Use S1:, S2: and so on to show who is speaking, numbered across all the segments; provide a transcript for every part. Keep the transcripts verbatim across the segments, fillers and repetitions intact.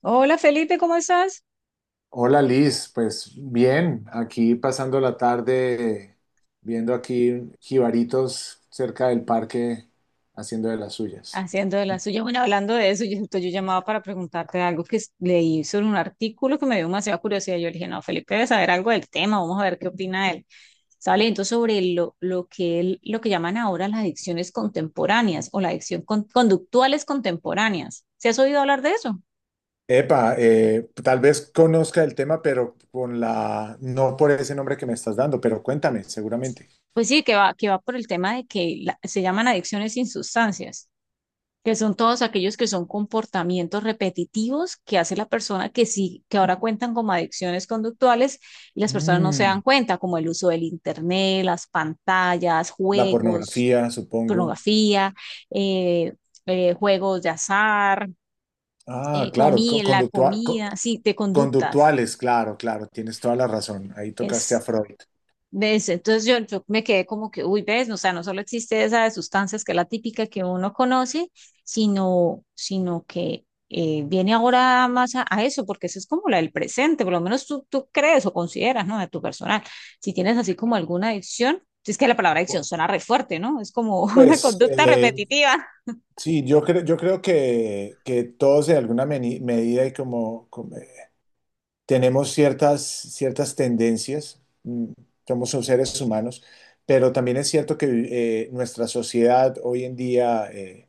S1: Hola Felipe, ¿cómo estás?
S2: Hola Liz, pues bien, aquí pasando la tarde viendo aquí jibaritos cerca del parque haciendo de las suyas.
S1: Haciendo de la suya. Bueno, hablando de eso, yo, justo yo llamaba para preguntarte algo que s- leí sobre un artículo que me dio demasiada curiosidad. Yo le dije, no, Felipe debe saber algo del tema, vamos a ver qué opina él. Estaba leyendo sobre lo, lo que él- lo que llaman ahora las adicciones contemporáneas o la adicción con- conductuales contemporáneas. ¿Se has oído hablar de eso?
S2: Epa, eh, tal vez conozca el tema, pero con la, no por ese nombre que me estás dando, pero cuéntame, seguramente.
S1: Pues sí, que va, que va por el tema de que la- se llaman adicciones sin sustancias. Que son todos aquellos que son comportamientos repetitivos que hace la persona que sí, que ahora cuentan como adicciones conductuales y las personas no se
S2: Mm,
S1: dan cuenta, como el uso del internet, las pantallas,
S2: la
S1: juegos,
S2: pornografía, supongo.
S1: pornografía, eh, eh, juegos de azar,
S2: Ah,
S1: eh,
S2: claro,
S1: comida,
S2: co-
S1: la
S2: conductua- co-
S1: comida, sí, de conductas.
S2: conductuales, claro, claro, tienes toda la razón. Ahí tocaste a
S1: Es
S2: Freud.
S1: ¿Ves? Entonces yo, yo me quedé como que, uy, ves, o sea, no solo existe esa de sustancias que es la típica que uno conoce, sino, sino que eh, viene ahora más a, a eso, porque eso es como la del presente, por lo menos tú, tú crees o consideras, ¿no? De tu personal. Si tienes así como alguna adicción, si es que la palabra adicción suena re fuerte, ¿no? Es como una
S2: Pues,
S1: conducta
S2: eh,
S1: repetitiva.
S2: Sí, yo creo, yo creo que, que todos en alguna meni- medida y como, como, eh, tenemos ciertas, ciertas tendencias, mm, somos seres humanos, pero también es cierto que eh, nuestra sociedad hoy en día eh,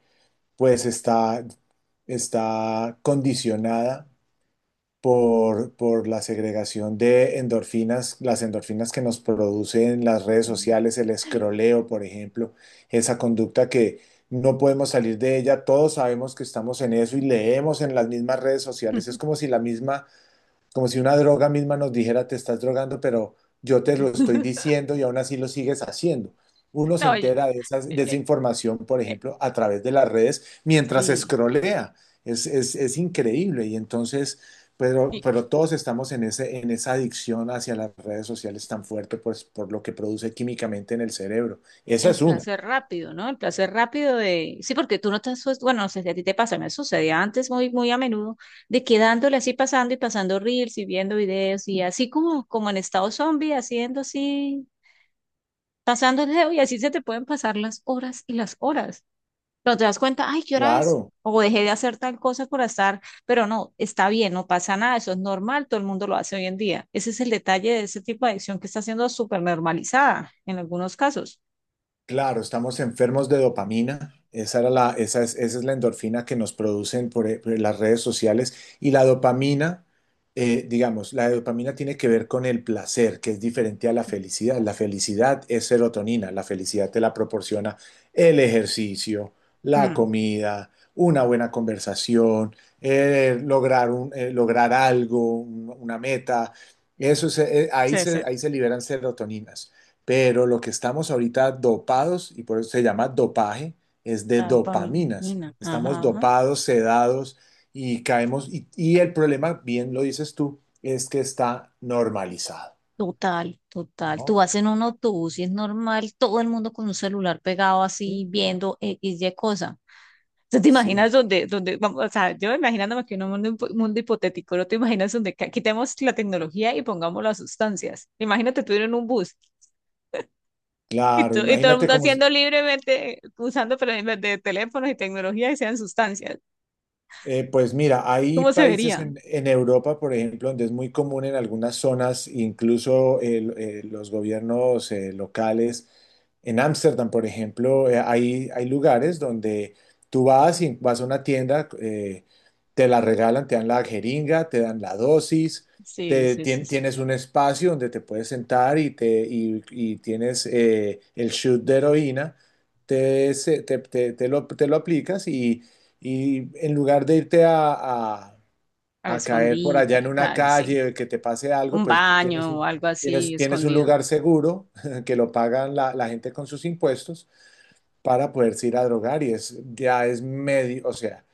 S2: pues está, está condicionada por, por la segregación de endorfinas, las endorfinas que nos producen las redes
S1: Ujú.
S2: sociales, el escroleo, por ejemplo, esa conducta que no podemos salir de ella. Todos sabemos que estamos en eso y leemos en las mismas redes sociales. Es como si la misma, como si una droga misma nos dijera te estás drogando, pero yo te lo estoy diciendo y aún así lo sigues haciendo. Uno se
S1: No, y-
S2: entera de, esas-
S1: eh,
S2: de esa
S1: eh,
S2: información, por
S1: eh,
S2: ejemplo, a través de las redes mientras
S1: sí.
S2: escrolea. Es, es- es increíble y entonces, pero, pero todos estamos en ese, en esa adicción hacia las redes sociales tan fuerte pues, por lo que produce químicamente en el cerebro. Esa
S1: El
S2: es una.
S1: placer rápido, ¿no? El placer rápido de... Sí, porque tú no te asustas, bueno, no sé si a ti te pasa, me sucedía antes muy, muy a menudo, de quedándole así pasando y pasando reels y viendo videos y así como, como en estado zombie, haciendo así, pasando el dedo y así se te pueden pasar las horas y las horas. Pero te das cuenta, ay, ¿qué hora es?
S2: Claro.
S1: O dejé de hacer tal cosa por estar, pero no, está bien, no pasa nada, eso es normal, todo el mundo lo hace hoy en día. Ese es el detalle de ese tipo de adicción que está siendo súper normalizada en algunos casos.
S2: Claro, estamos enfermos de dopamina. Esa era la, esa es, Esa es la endorfina que nos producen por, eh, por las redes sociales. Y la dopamina, eh, digamos, la dopamina tiene que ver con el placer, que es diferente a la felicidad. La felicidad es serotonina. La felicidad te la proporciona el ejercicio, la
S1: Mm,
S2: comida, una buena conversación, eh, lograr un- eh, lograr algo, un- una meta. Eso se- eh, ahí
S1: sí, sí.
S2: se, ahí se liberan serotoninas. Pero lo que estamos ahorita dopados, y por eso se llama dopaje, es de
S1: La
S2: dopaminas.
S1: dopamina,
S2: Estamos
S1: ajá.
S2: dopados, sedados y caemos. Y, y el problema, bien lo dices tú, es que está normalizado,
S1: Total, total. Tú
S2: ¿no?
S1: vas en un autobús y es normal todo el mundo con un celular pegado así
S2: Sí,
S1: viendo X, Y cosa. ¿Tú te
S2: sí.
S1: imaginas donde, donde, vamos, o sea, yo imaginándome que en un mundo, hipo- mundo hipotético, ¿no te imaginas donde ca- quitemos la tecnología y pongamos las sustancias? Imagínate tú ir en un bus y,
S2: Claro,
S1: to- y todo el
S2: imagínate
S1: mundo
S2: cómo...
S1: haciendo libremente, usando pero en vez de teléfonos y tecnología y sean sustancias.
S2: Eh, pues mira, hay
S1: ¿Cómo se
S2: países
S1: vería?
S2: en, en Europa, por ejemplo, donde es muy común en algunas zonas, incluso el- eh, los gobiernos eh, locales, en Ámsterdam, por ejemplo. Eh, hay, hay lugares donde tú vas y vas a una tienda. Eh, te la regalan, te dan la jeringa, te dan la dosis,
S1: Sí,
S2: te,
S1: sí, eso.
S2: tien- tienes un espacio donde te puedes sentar y te, y, y tienes eh, el shoot de heroína, te, se- te, te, te lo, te lo aplicas y en lugar de irte a, a-
S1: A la
S2: a caer por
S1: escondite,
S2: allá
S1: a
S2: en
S1: la
S2: una
S1: calle, sí.
S2: calle, que te pase algo,
S1: Un
S2: pues tienes
S1: baño
S2: un,
S1: o algo así
S2: tienes, tienes un
S1: escondido.
S2: lugar seguro que lo pagan la, la gente con sus impuestos para poderse ir a drogar y es, ya es medio, o sea,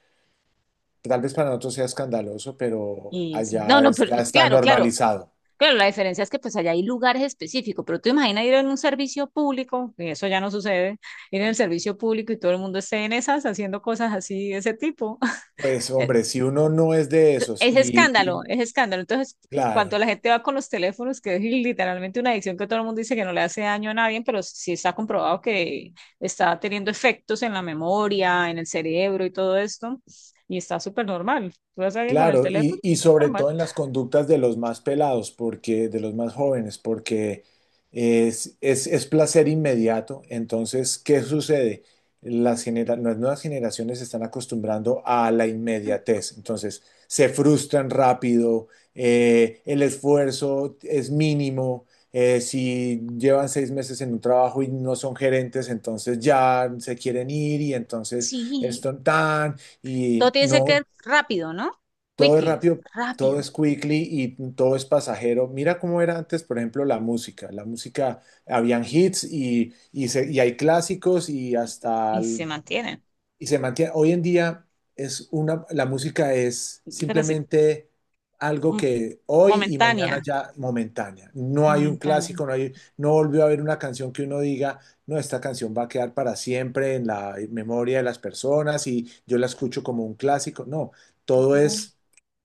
S2: tal vez para nosotros sea escandaloso, pero
S1: Y sí. No,
S2: allá
S1: no,
S2: es,
S1: pero
S2: ya está
S1: claro, claro,
S2: normalizado.
S1: claro, la diferencia es que pues allá hay lugares específicos, pero tú imaginas ir en un servicio público, y eso ya no sucede, ir en el servicio público y todo el mundo esté en esas haciendo cosas así de ese tipo.
S2: Pues hombre, si uno no es de esos
S1: Es
S2: y
S1: escándalo,
S2: y-
S1: es escándalo. Entonces, cuando
S2: claro.
S1: la gente va con los teléfonos, que es literalmente una adicción que todo el mundo dice que no le hace daño a nadie, pero sí está comprobado que está teniendo efectos en la memoria, en el cerebro y todo esto, y está súper normal. Tú vas a alguien con el
S2: Claro, y,
S1: teléfono,
S2: y sobre
S1: normal.
S2: todo en las conductas de los más pelados, porque de los más jóvenes, porque es, es, es placer inmediato. Entonces, ¿qué sucede? Las, genera- las nuevas generaciones se están acostumbrando a la inmediatez. Entonces, se frustran rápido, eh, el esfuerzo es mínimo. Eh, si llevan seis meses en un trabajo y no son gerentes, entonces ya se quieren ir y entonces
S1: Sí,
S2: esto tan
S1: todo
S2: y
S1: tiene que
S2: no,
S1: ser rápido, ¿no?
S2: todo es
S1: Quickly,
S2: rápido, todo
S1: rápido.
S2: es quickly y todo es pasajero. Mira cómo era antes, por ejemplo, la música. La música, habían hits y, y, se- y hay clásicos y hasta
S1: Y se mantiene.
S2: y se mantiene. Hoy en día es una, la música es
S1: Pero sí,
S2: simplemente algo
S1: mo-
S2: que hoy y
S1: momentánea,
S2: mañana ya momentánea. No hay un
S1: momentánea.
S2: clásico, no hay, no volvió a haber una canción que uno diga, no, esta canción va a quedar para siempre en la memoria de las personas y yo la escucho como un clásico. No, todo
S1: No,
S2: es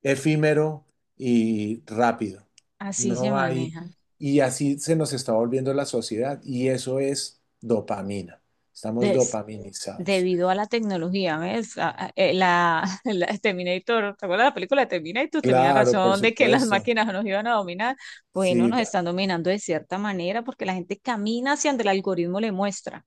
S2: efímero y rápido.
S1: así se
S2: No hay,
S1: maneja.
S2: y así se nos está volviendo la sociedad y eso es dopamina. Estamos dopaminizados.
S1: Debido a la tecnología, ¿ves? A- a- eh, La, la Terminator, ¿te acuerdas de la película de Terminator? Tenía
S2: Claro, por
S1: razón de que las
S2: supuesto.
S1: máquinas nos iban a dominar. Bueno,
S2: Sí,
S1: nos
S2: da-
S1: están dominando de cierta manera porque la gente camina hacia donde el algoritmo le muestra.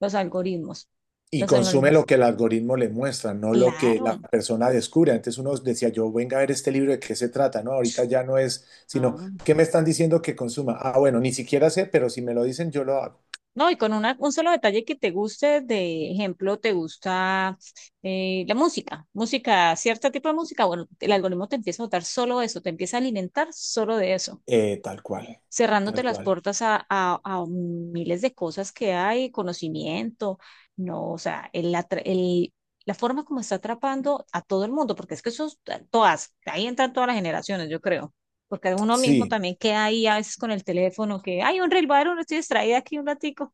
S1: Los algoritmos.
S2: y
S1: Los
S2: consume lo
S1: algoritmos.
S2: que el algoritmo le muestra, no lo que la
S1: Claro.
S2: persona descubre. Antes uno decía, yo venga a ver este libro de qué se trata, ¿no? Ahorita ya no es, sino,
S1: No,
S2: ¿qué me están diciendo que consuma? Ah, bueno, ni siquiera sé, pero si me lo dicen, yo lo hago.
S1: no, y con una, un solo detalle que te guste, de ejemplo, te gusta eh, la música, música, cierto tipo de música, bueno, el algoritmo te empieza a votar solo eso, te empieza a alimentar solo de eso.
S2: Eh, tal cual,
S1: Cerrándote
S2: tal
S1: las
S2: cual.
S1: puertas a, a- a miles de cosas que hay, conocimiento, no, o sea, el, atra- el- la forma como está atrapando a todo el mundo, porque es que eso, todas, ahí entran todas las generaciones, yo creo, porque uno mismo
S2: Sí.
S1: también queda ahí a veces con el teléfono, que hay un reel varón, estoy distraída aquí un ratico,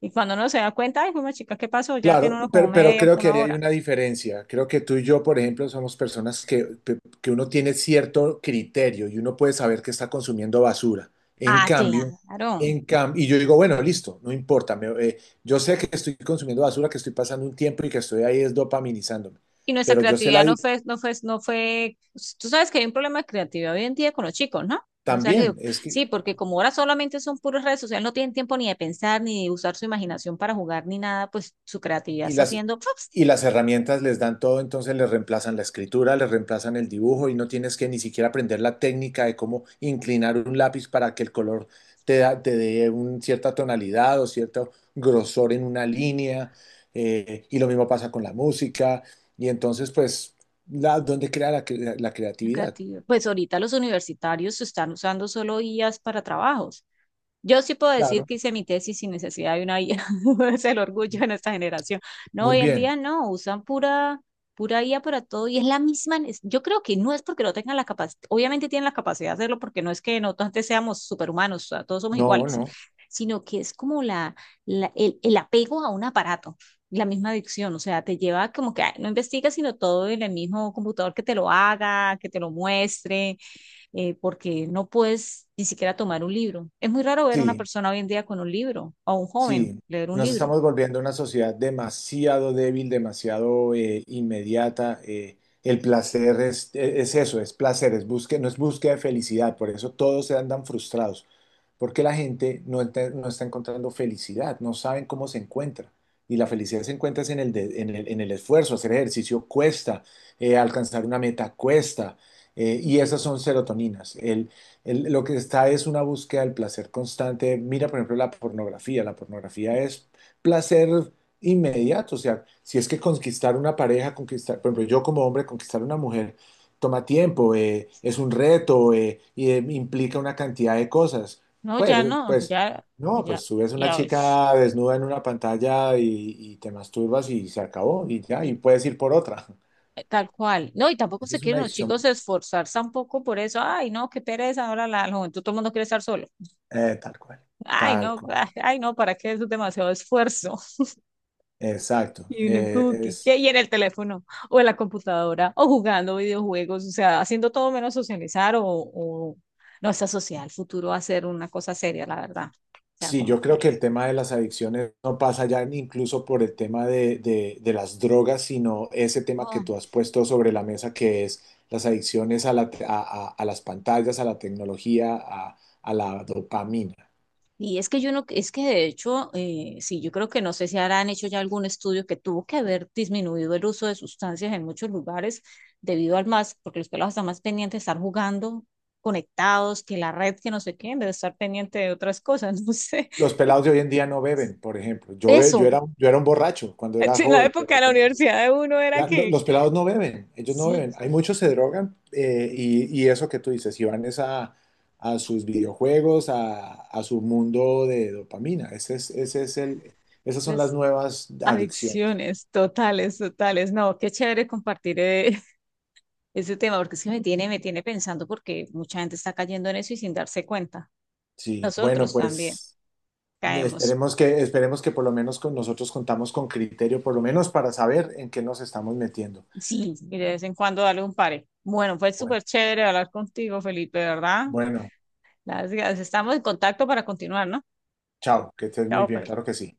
S1: y cuando uno se da cuenta, ay, fue una chica, ¿qué pasó? Ya
S2: Claro,
S1: tiene uno como
S2: pero, pero
S1: media,
S2: creo que
S1: una
S2: ahí hay
S1: hora.
S2: una diferencia. Creo que tú y yo, por ejemplo, somos personas que, que- que uno tiene cierto criterio y uno puede saber que está consumiendo basura. En
S1: Ah,
S2: cambio,
S1: claro.
S2: en cam- y yo digo, bueno, listo, no importa. Me- eh, yo sé que estoy consumiendo basura, que estoy pasando un tiempo y que estoy ahí es dopaminizándome.
S1: Y nuestra
S2: Pero yo sé la...
S1: creatividad no
S2: di-
S1: fue, no fue, no fue, pues, tú sabes que hay un problema de creatividad hoy en día con los chicos, ¿no? No sé, les digo,
S2: También, es que
S1: sí, porque como ahora solamente son puras redes sociales, no tienen tiempo ni de pensar, ni de usar su imaginación para jugar, ni nada, pues su creatividad
S2: Y
S1: está
S2: las,
S1: haciendo, pues,
S2: y las herramientas les dan todo, entonces les reemplazan la escritura, les reemplazan el dibujo y no tienes que ni siquiera aprender la técnica de cómo inclinar un lápiz para que el color te, da- te dé una cierta tonalidad o cierto grosor en una línea. Eh, y lo mismo pasa con la música. Y entonces, pues, la, ¿dónde crea la, cre- la creatividad?
S1: creatividad. Pues ahorita los universitarios están usando solo guías para trabajos. Yo sí puedo decir
S2: Claro,
S1: que hice mi tesis sin necesidad de una guía. Es el orgullo de nuestra generación. No,
S2: muy
S1: hoy en
S2: bien.
S1: día no, usan pura, pura guía para todo y es la misma. nes- Yo creo que no es porque no tengan la capacidad, obviamente tienen la capacidad de hacerlo porque no es que nosotros antes seamos superhumanos, o sea, todos somos
S2: No,
S1: iguales,
S2: no.
S1: sino que es como la, la- el, el apego a un aparato, la misma adicción, o sea, te lleva como que ay, no investigas, sino todo en el mismo computador que te lo haga, que te lo muestre eh, porque no puedes ni siquiera tomar un libro. Es muy raro ver a una
S2: Sí.
S1: persona hoy en día con un libro, o a un joven
S2: Sí,
S1: leer un
S2: nos
S1: libro.
S2: estamos volviendo una sociedad demasiado débil, demasiado eh, inmediata. eh, el placer es, e, es eso, es placer, es búsqueda, no es búsqueda de felicidad. Por eso todos se andan frustrados, porque la gente no, ente- no está encontrando felicidad, no saben cómo se encuentra. Y la felicidad se encuentra es en el, de- en el, en el esfuerzo. Hacer ejercicio cuesta, eh, alcanzar una meta cuesta, eh, y
S1: Y,
S2: esas son serotoninas. El- lo que está es una búsqueda del placer constante. Mira, por ejemplo, la pornografía. La pornografía es placer inmediato. O sea, si es que conquistar una pareja, conquistar, por ejemplo, yo como hombre, conquistar una mujer toma tiempo, eh, es un reto eh, y eh, implica una cantidad de cosas.
S1: no,
S2: Pues,
S1: ya no,
S2: pues,
S1: ya,
S2: no,
S1: ya,
S2: Pues tú ves una
S1: ya, es-
S2: chica desnuda en una pantalla y, y te masturbas y se acabó y ya,
S1: y-
S2: y puedes ir por otra.
S1: eh, tal cual. No, y tampoco
S2: Eso
S1: se
S2: es una
S1: quieren los
S2: adicción.
S1: chicos esforzar tampoco por eso. Ay, no, qué pereza, ahora la, la juventud, todo el mundo quiere estar solo.
S2: Eh, tal cual,
S1: Ay,
S2: tal
S1: no,
S2: cual.
S1: ay, ay, no, ¿para qué? Eso es demasiado esfuerzo.
S2: Exacto.
S1: Y uno es
S2: Eh,
S1: como que,
S2: es
S1: ¿qué? Y en el teléfono, o en la computadora, o jugando videojuegos, o sea, haciendo todo menos socializar, o, o no está social, el futuro va a ser una cosa seria, la verdad. O sea,
S2: Sí,
S1: como
S2: yo creo que
S1: que.
S2: el tema de las adicciones no pasa ya ni incluso por el tema de, de- de las drogas, sino ese tema que
S1: Oh.
S2: tú has puesto sobre la mesa, que es las adicciones a, la te- a- a- a las pantallas, a la tecnología, a, a la dopamina.
S1: Y es que yo no, es que de hecho, eh, sí, yo creo que no sé si habrán hecho ya algún estudio que tuvo que haber disminuido el uso de sustancias en muchos lugares debido al más, porque los pelados están más pendientes de estar jugando, conectados, que la red, que no sé qué, en vez de estar pendiente de otras cosas, no sé.
S2: Los pelados de hoy en día no beben, por ejemplo. Yo, be- yo
S1: Eso.
S2: era, yo era un borracho cuando era
S1: Sí, en la
S2: joven, pero
S1: época de la
S2: ya-
S1: universidad de uno era
S2: Ya, lo-
S1: que
S2: los pelados no beben, ellos no
S1: sí,
S2: beben. Hay muchos se drogan eh, y, y eso que tú dices, y van es a, a sus videojuegos, a, a su mundo de dopamina. Ese es, ese es el, esas son las
S1: las
S2: nuevas adicciones.
S1: adicciones totales, totales. No, qué chévere compartir eh, ese tema, porque es que me tiene, me tiene pensando porque mucha gente está cayendo en eso y sin darse cuenta.
S2: Sí, bueno,
S1: Nosotros también
S2: pues
S1: caemos.
S2: esperemos que, esperemos que por lo menos con nosotros contamos con criterio, por lo menos para saber en qué nos estamos metiendo.
S1: Sí, y de vez en cuando darle un pare. Bueno, fue
S2: Bueno,
S1: súper chévere hablar contigo, Felipe, ¿verdad?
S2: bueno,
S1: Las, estamos en contacto para continuar, ¿no?
S2: chao, que estés muy
S1: Chao,
S2: bien,
S1: pues.
S2: claro que sí.